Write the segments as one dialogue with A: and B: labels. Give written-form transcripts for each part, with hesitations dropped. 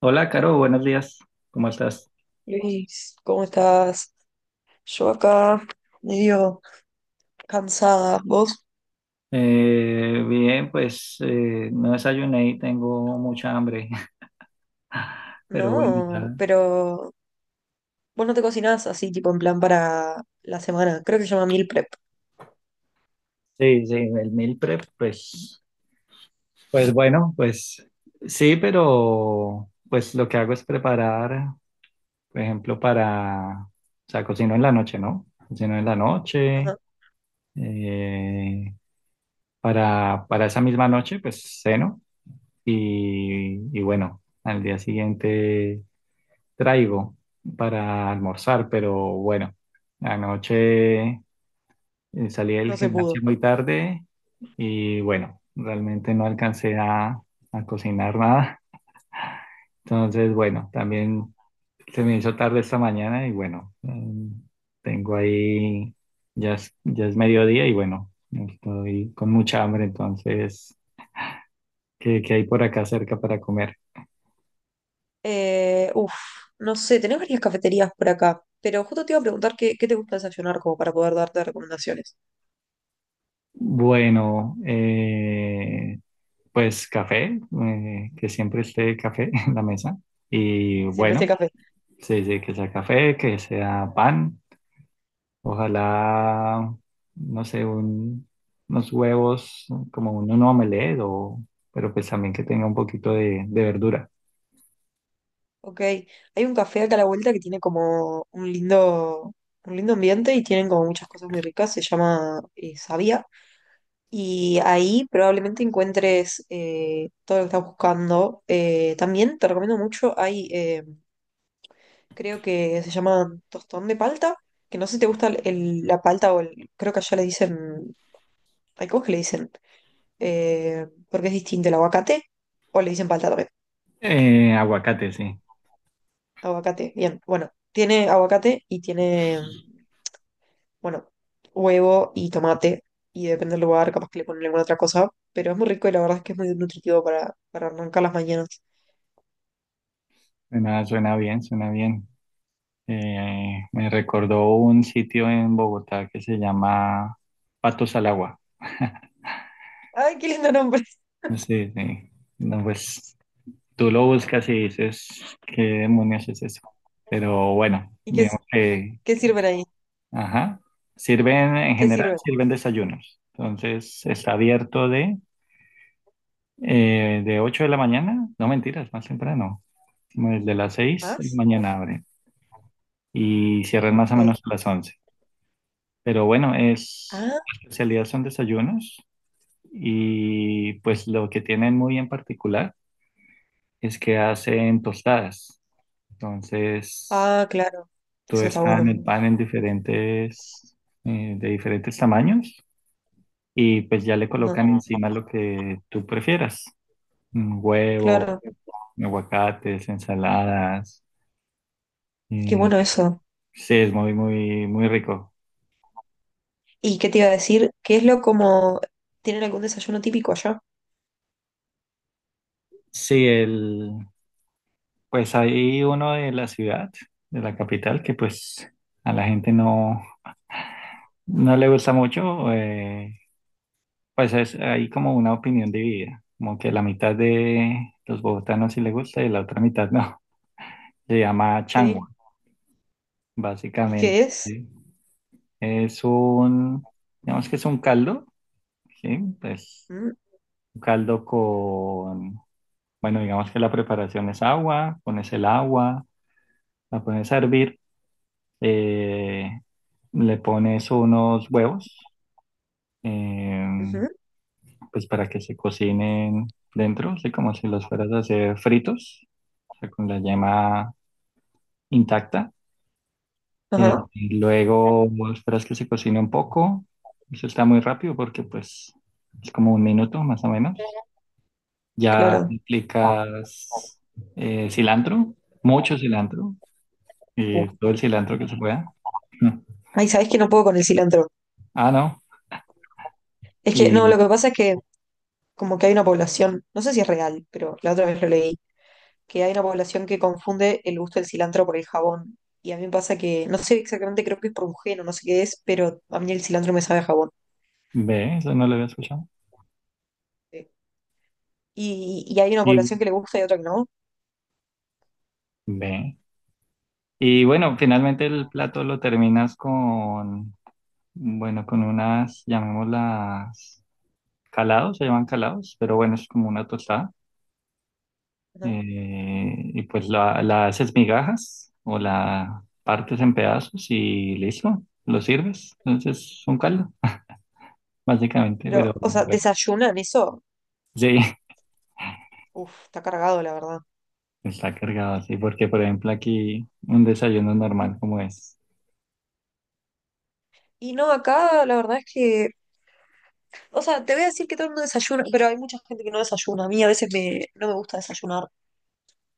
A: Hola, Caro, buenos días. ¿Cómo estás?
B: Luis, ¿cómo estás? Yo acá medio cansada. ¿Vos?
A: Bien, pues no desayuné y tengo mucha hambre, pero bueno, ya.
B: No, pero vos no te cocinás así, tipo en plan para la semana. Creo que se llama meal prep.
A: Sí, sí, el meal prep, pues, pues bueno, pues sí, pero pues lo que hago es preparar, por ejemplo, para, o sea, cocino en la noche, ¿no? Cocino en la noche,
B: Ajá.
A: eh, para esa misma noche, pues ceno y bueno, al día siguiente traigo para almorzar, pero bueno, anoche salí del
B: No se
A: gimnasio
B: pudo.
A: muy tarde y bueno, realmente no alcancé a cocinar nada. Entonces, bueno, también se me hizo tarde esta mañana y bueno, tengo ahí, ya es mediodía y bueno, estoy con mucha hambre, entonces, ¿qué hay por acá cerca para comer?
B: Eh, uf, no sé, tenés varias cafeterías por acá, pero justo te iba a preguntar qué te gusta desayunar como para poder darte recomendaciones.
A: Bueno, pues café, que siempre esté café en la mesa. Y
B: Siempre
A: bueno,
B: este café.
A: sí, sí, que sea café, que sea pan, ojalá, no sé, unos huevos, como un omelette, o, pero pues también que tenga un poquito de verdura.
B: Ok, hay un café acá a la vuelta que tiene como un lindo ambiente y tienen como muchas cosas muy ricas. Se llama Sabia. Y ahí probablemente encuentres todo lo que estás buscando. También te recomiendo mucho, hay, creo que se llama tostón de palta, que no sé si te gusta la palta o el, creo que allá le dicen, hay cosas que le dicen, porque es distinto el aguacate, o le dicen palta también.
A: Aguacate, sí.
B: Aguacate, bien, bueno, tiene aguacate y tiene, bueno, huevo y tomate, y depende del lugar, capaz que le ponen alguna otra cosa, pero es muy rico y la verdad es que es muy nutritivo para arrancar las mañanas.
A: Suena, suena bien, suena bien. Me recordó un sitio en Bogotá que se llama Patos al Agua.
B: Ay, qué lindo nombre.
A: No, sí. No, pues tú lo buscas y dices, ¿qué demonios es eso? Pero bueno,
B: ¿Y
A: digamos que,
B: qué sirven ahí?
A: ajá, sirven en
B: ¿Qué
A: general,
B: sirven?
A: sirven desayunos. Entonces está abierto de 8 de la mañana, no mentiras, más temprano, como desde las 6 de la
B: ¿Más?
A: mañana abre y cierran más o
B: Ok.
A: menos a las once. Pero bueno, es,
B: Ah,
A: la especialidad son desayunos y pues lo que tienen muy en particular es que hacen tostadas. Entonces,
B: ah, claro.
A: todo
B: Eso está
A: está en
B: bueno.
A: el pan en diferentes, de diferentes tamaños y pues ya le colocan
B: Ajá.
A: encima lo que tú prefieras. Un huevo,
B: Claro.
A: aguacates, ensaladas.
B: Es que
A: eh,
B: bueno eso.
A: sí, es muy, muy, muy rico.
B: ¿Y qué te iba a decir? ¿Qué es lo como... ¿Tienen algún desayuno típico allá?
A: Sí, el, pues hay uno de la ciudad, de la capital, que pues a la gente no, no le gusta mucho. Pues es, hay como una opinión dividida, como que la mitad de los bogotanos sí le gusta y la otra mitad no. Se llama changua,
B: Sí. ¿Y qué
A: básicamente.
B: es?
A: ¿Sí? Es un, digamos que es un caldo, ¿sí? Pues
B: Mm.
A: un caldo con, bueno, digamos que la preparación es agua, pones el agua, la pones a hervir, eh, le pones unos huevos, eh,
B: Ujú.
A: pues para que se cocinen dentro, ¿sí? Como si los fueras a hacer fritos, o sea, con la yema intacta.
B: Ajá,
A: Y luego esperas que se cocine un poco. Eso está muy rápido porque pues es como un minuto más o menos. Ya
B: claro.
A: aplicas cilantro, mucho cilantro,
B: Uf.
A: todo el cilantro que se pueda. Mm.
B: Ay, ¿sabés que no puedo con el cilantro?
A: Ah, no.
B: Es que, no, lo
A: Y
B: que pasa es que como que hay una población, no sé si es real, pero la otra vez lo leí, que hay una población que confunde el gusto del cilantro por el jabón. Y a mí me pasa que, no sé exactamente, creo que es por un gen o no sé qué es, pero a mí el cilantro me sabe a jabón.
A: Ve, eso no lo había escuchado.
B: Sí. Y hay una
A: Y
B: población que le gusta y otra que no,
A: Ve. Y bueno, finalmente el plato lo terminas con, bueno, con unas, llamadas calados, se llaman calados, pero bueno, es como una tostada
B: ¿no?
A: y pues la haces migajas o la partes en pedazos y listo, lo sirves. Entonces es un caldo, básicamente,
B: Pero,
A: pero
B: o sea,
A: bueno,
B: desayunan eso,
A: sí,
B: uf, está cargado, la verdad.
A: está cargado así, porque por ejemplo aquí un desayuno normal como es.
B: Y no, acá la verdad es que, o sea, te voy a decir que todo el mundo desayuna, pero hay mucha gente que no desayuna. A mí a veces me, no me gusta desayunar.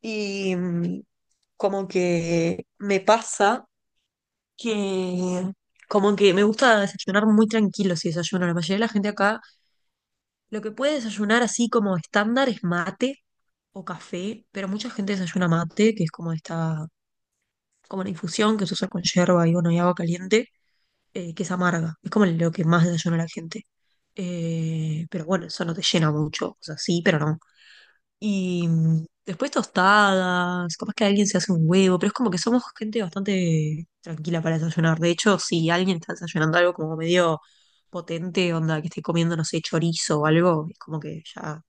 B: Y como que me pasa que como que me gusta desayunar muy tranquilo si desayuno. La mayoría de la gente acá lo que puede desayunar así como estándar es mate o café, pero mucha gente desayuna mate, que es como esta, como una infusión que se usa con yerba y bueno, y agua caliente, que es amarga. Es como lo que más desayuna la gente. Pero bueno, eso no te llena mucho. O sea, sí, pero no. Y después tostadas, capaz que alguien se hace un huevo, pero es como que somos gente bastante tranquila para desayunar. De hecho, si alguien está desayunando algo como medio potente, onda, que esté comiendo, no sé, chorizo o algo, es como que ya,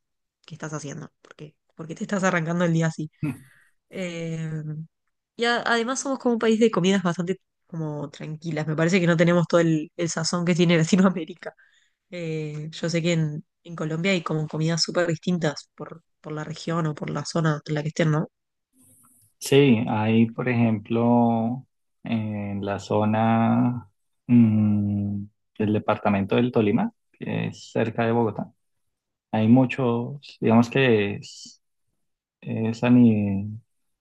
B: ¿qué estás haciendo? ¿Por qué? ¿Por qué te estás arrancando el día así? Eh, y además somos como un país de comidas bastante como tranquilas. Me parece que no tenemos el sazón que tiene Latinoamérica. Yo sé que en Colombia hay como comidas súper distintas por la región o por la zona en la que estén, ¿no?
A: Sí, hay por ejemplo en la zona mm, del departamento del Tolima, que es cerca de Bogotá, hay muchos, digamos que es a ni-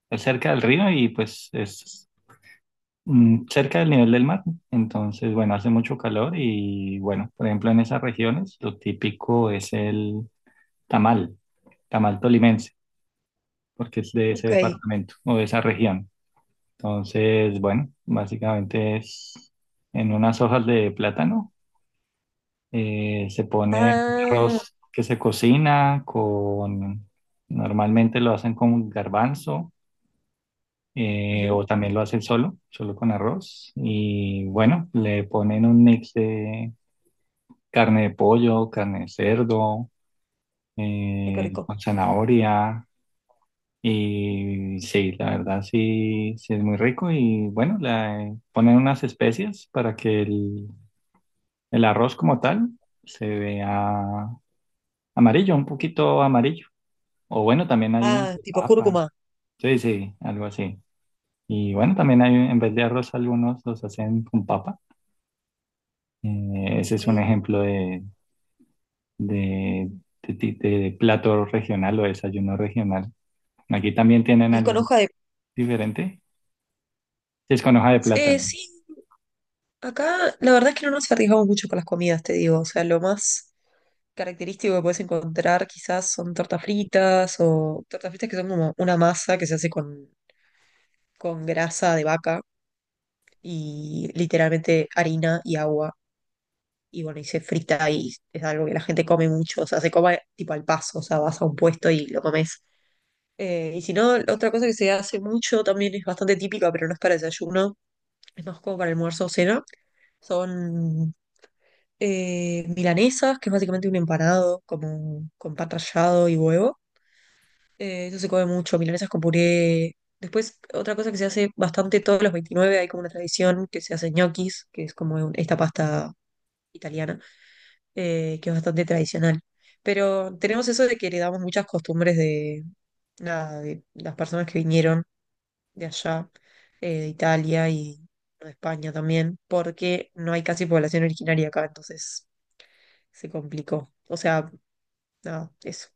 A: es cerca del río y pues es cerca del nivel del mar. Entonces, bueno, hace mucho calor y bueno, por ejemplo, en esas regiones lo típico es el tamal, tamal tolimense, porque es de ese
B: Ok.
A: departamento o de esa región. Entonces, bueno, básicamente es en unas hojas de plátano, se pone
B: Ah,
A: arroz que se cocina con, normalmente lo hacen con garbanzo
B: ujú.
A: o también lo hacen solo, solo con arroz. Y bueno, le ponen un mix de carne de pollo, carne de cerdo,
B: Ay, qué rico.
A: con zanahoria. Y sí, la verdad sí, sí es muy rico. Y bueno, le ponen unas especias para que el arroz como tal se vea amarillo, un poquito amarillo. O bueno, también hay unos
B: Ah,
A: de
B: tipo
A: papa.
B: cúrcuma.
A: Sí, sí, algo así. Y bueno, también hay, en vez de arroz, algunos los hacen con papa. Ese es un
B: Ok.
A: ejemplo de, de plato regional o desayuno regional. Aquí también tienen
B: Y es con
A: algo
B: hoja de...
A: diferente. Sí, es con hoja de plátano.
B: Sí, acá la verdad es que no nos arriesgamos mucho con las comidas, te digo. O sea, lo más característico que puedes encontrar quizás son tortas fritas o tortas fritas que son como una masa que se hace con grasa de vaca y literalmente harina y agua. Y bueno, y se frita y es algo que la gente come mucho, o sea, se come tipo al paso, o sea, vas a un puesto y lo comes. Y si no, otra cosa que se hace mucho también es bastante típica, pero no es para desayuno, es más como para almuerzo o cena, son milanesas, que es básicamente un empanado como, con pan rallado y huevo. Eso se come mucho, milanesas con puré. Después, otra cosa que se hace bastante todos los 29, hay como una tradición que se hace ñoquis, que es como esta pasta italiana, que es bastante tradicional. Pero tenemos eso de que heredamos muchas costumbres de, nada, de las personas que vinieron de allá, de Italia y de España también, porque no hay casi población originaria acá, entonces se complicó. O sea, nada, eso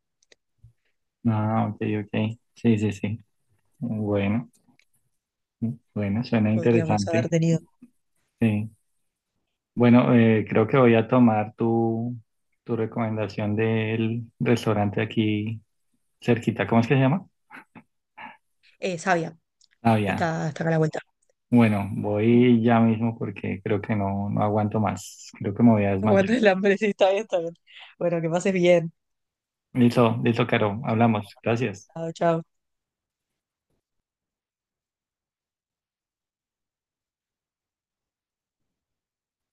A: Ah, ok, ok. Sí, sí, sí. Bueno, bueno, suena
B: podríamos haber
A: interesante.
B: tenido.
A: Sí. Bueno, creo que voy a tomar tu, tu recomendación del restaurante aquí cerquita. ¿Cómo es que se llama?
B: Sabia,
A: Ah, ya.
B: está acá a la vuelta.
A: Bueno, voy ya mismo porque creo que no, no aguanto más. Creo que me voy a desmayar.
B: Aguanta el hambre, sí, está bien, está bien. Bueno, que pases bien.
A: Listo, listo, Caro. Hablamos. Gracias.
B: Chao, chao.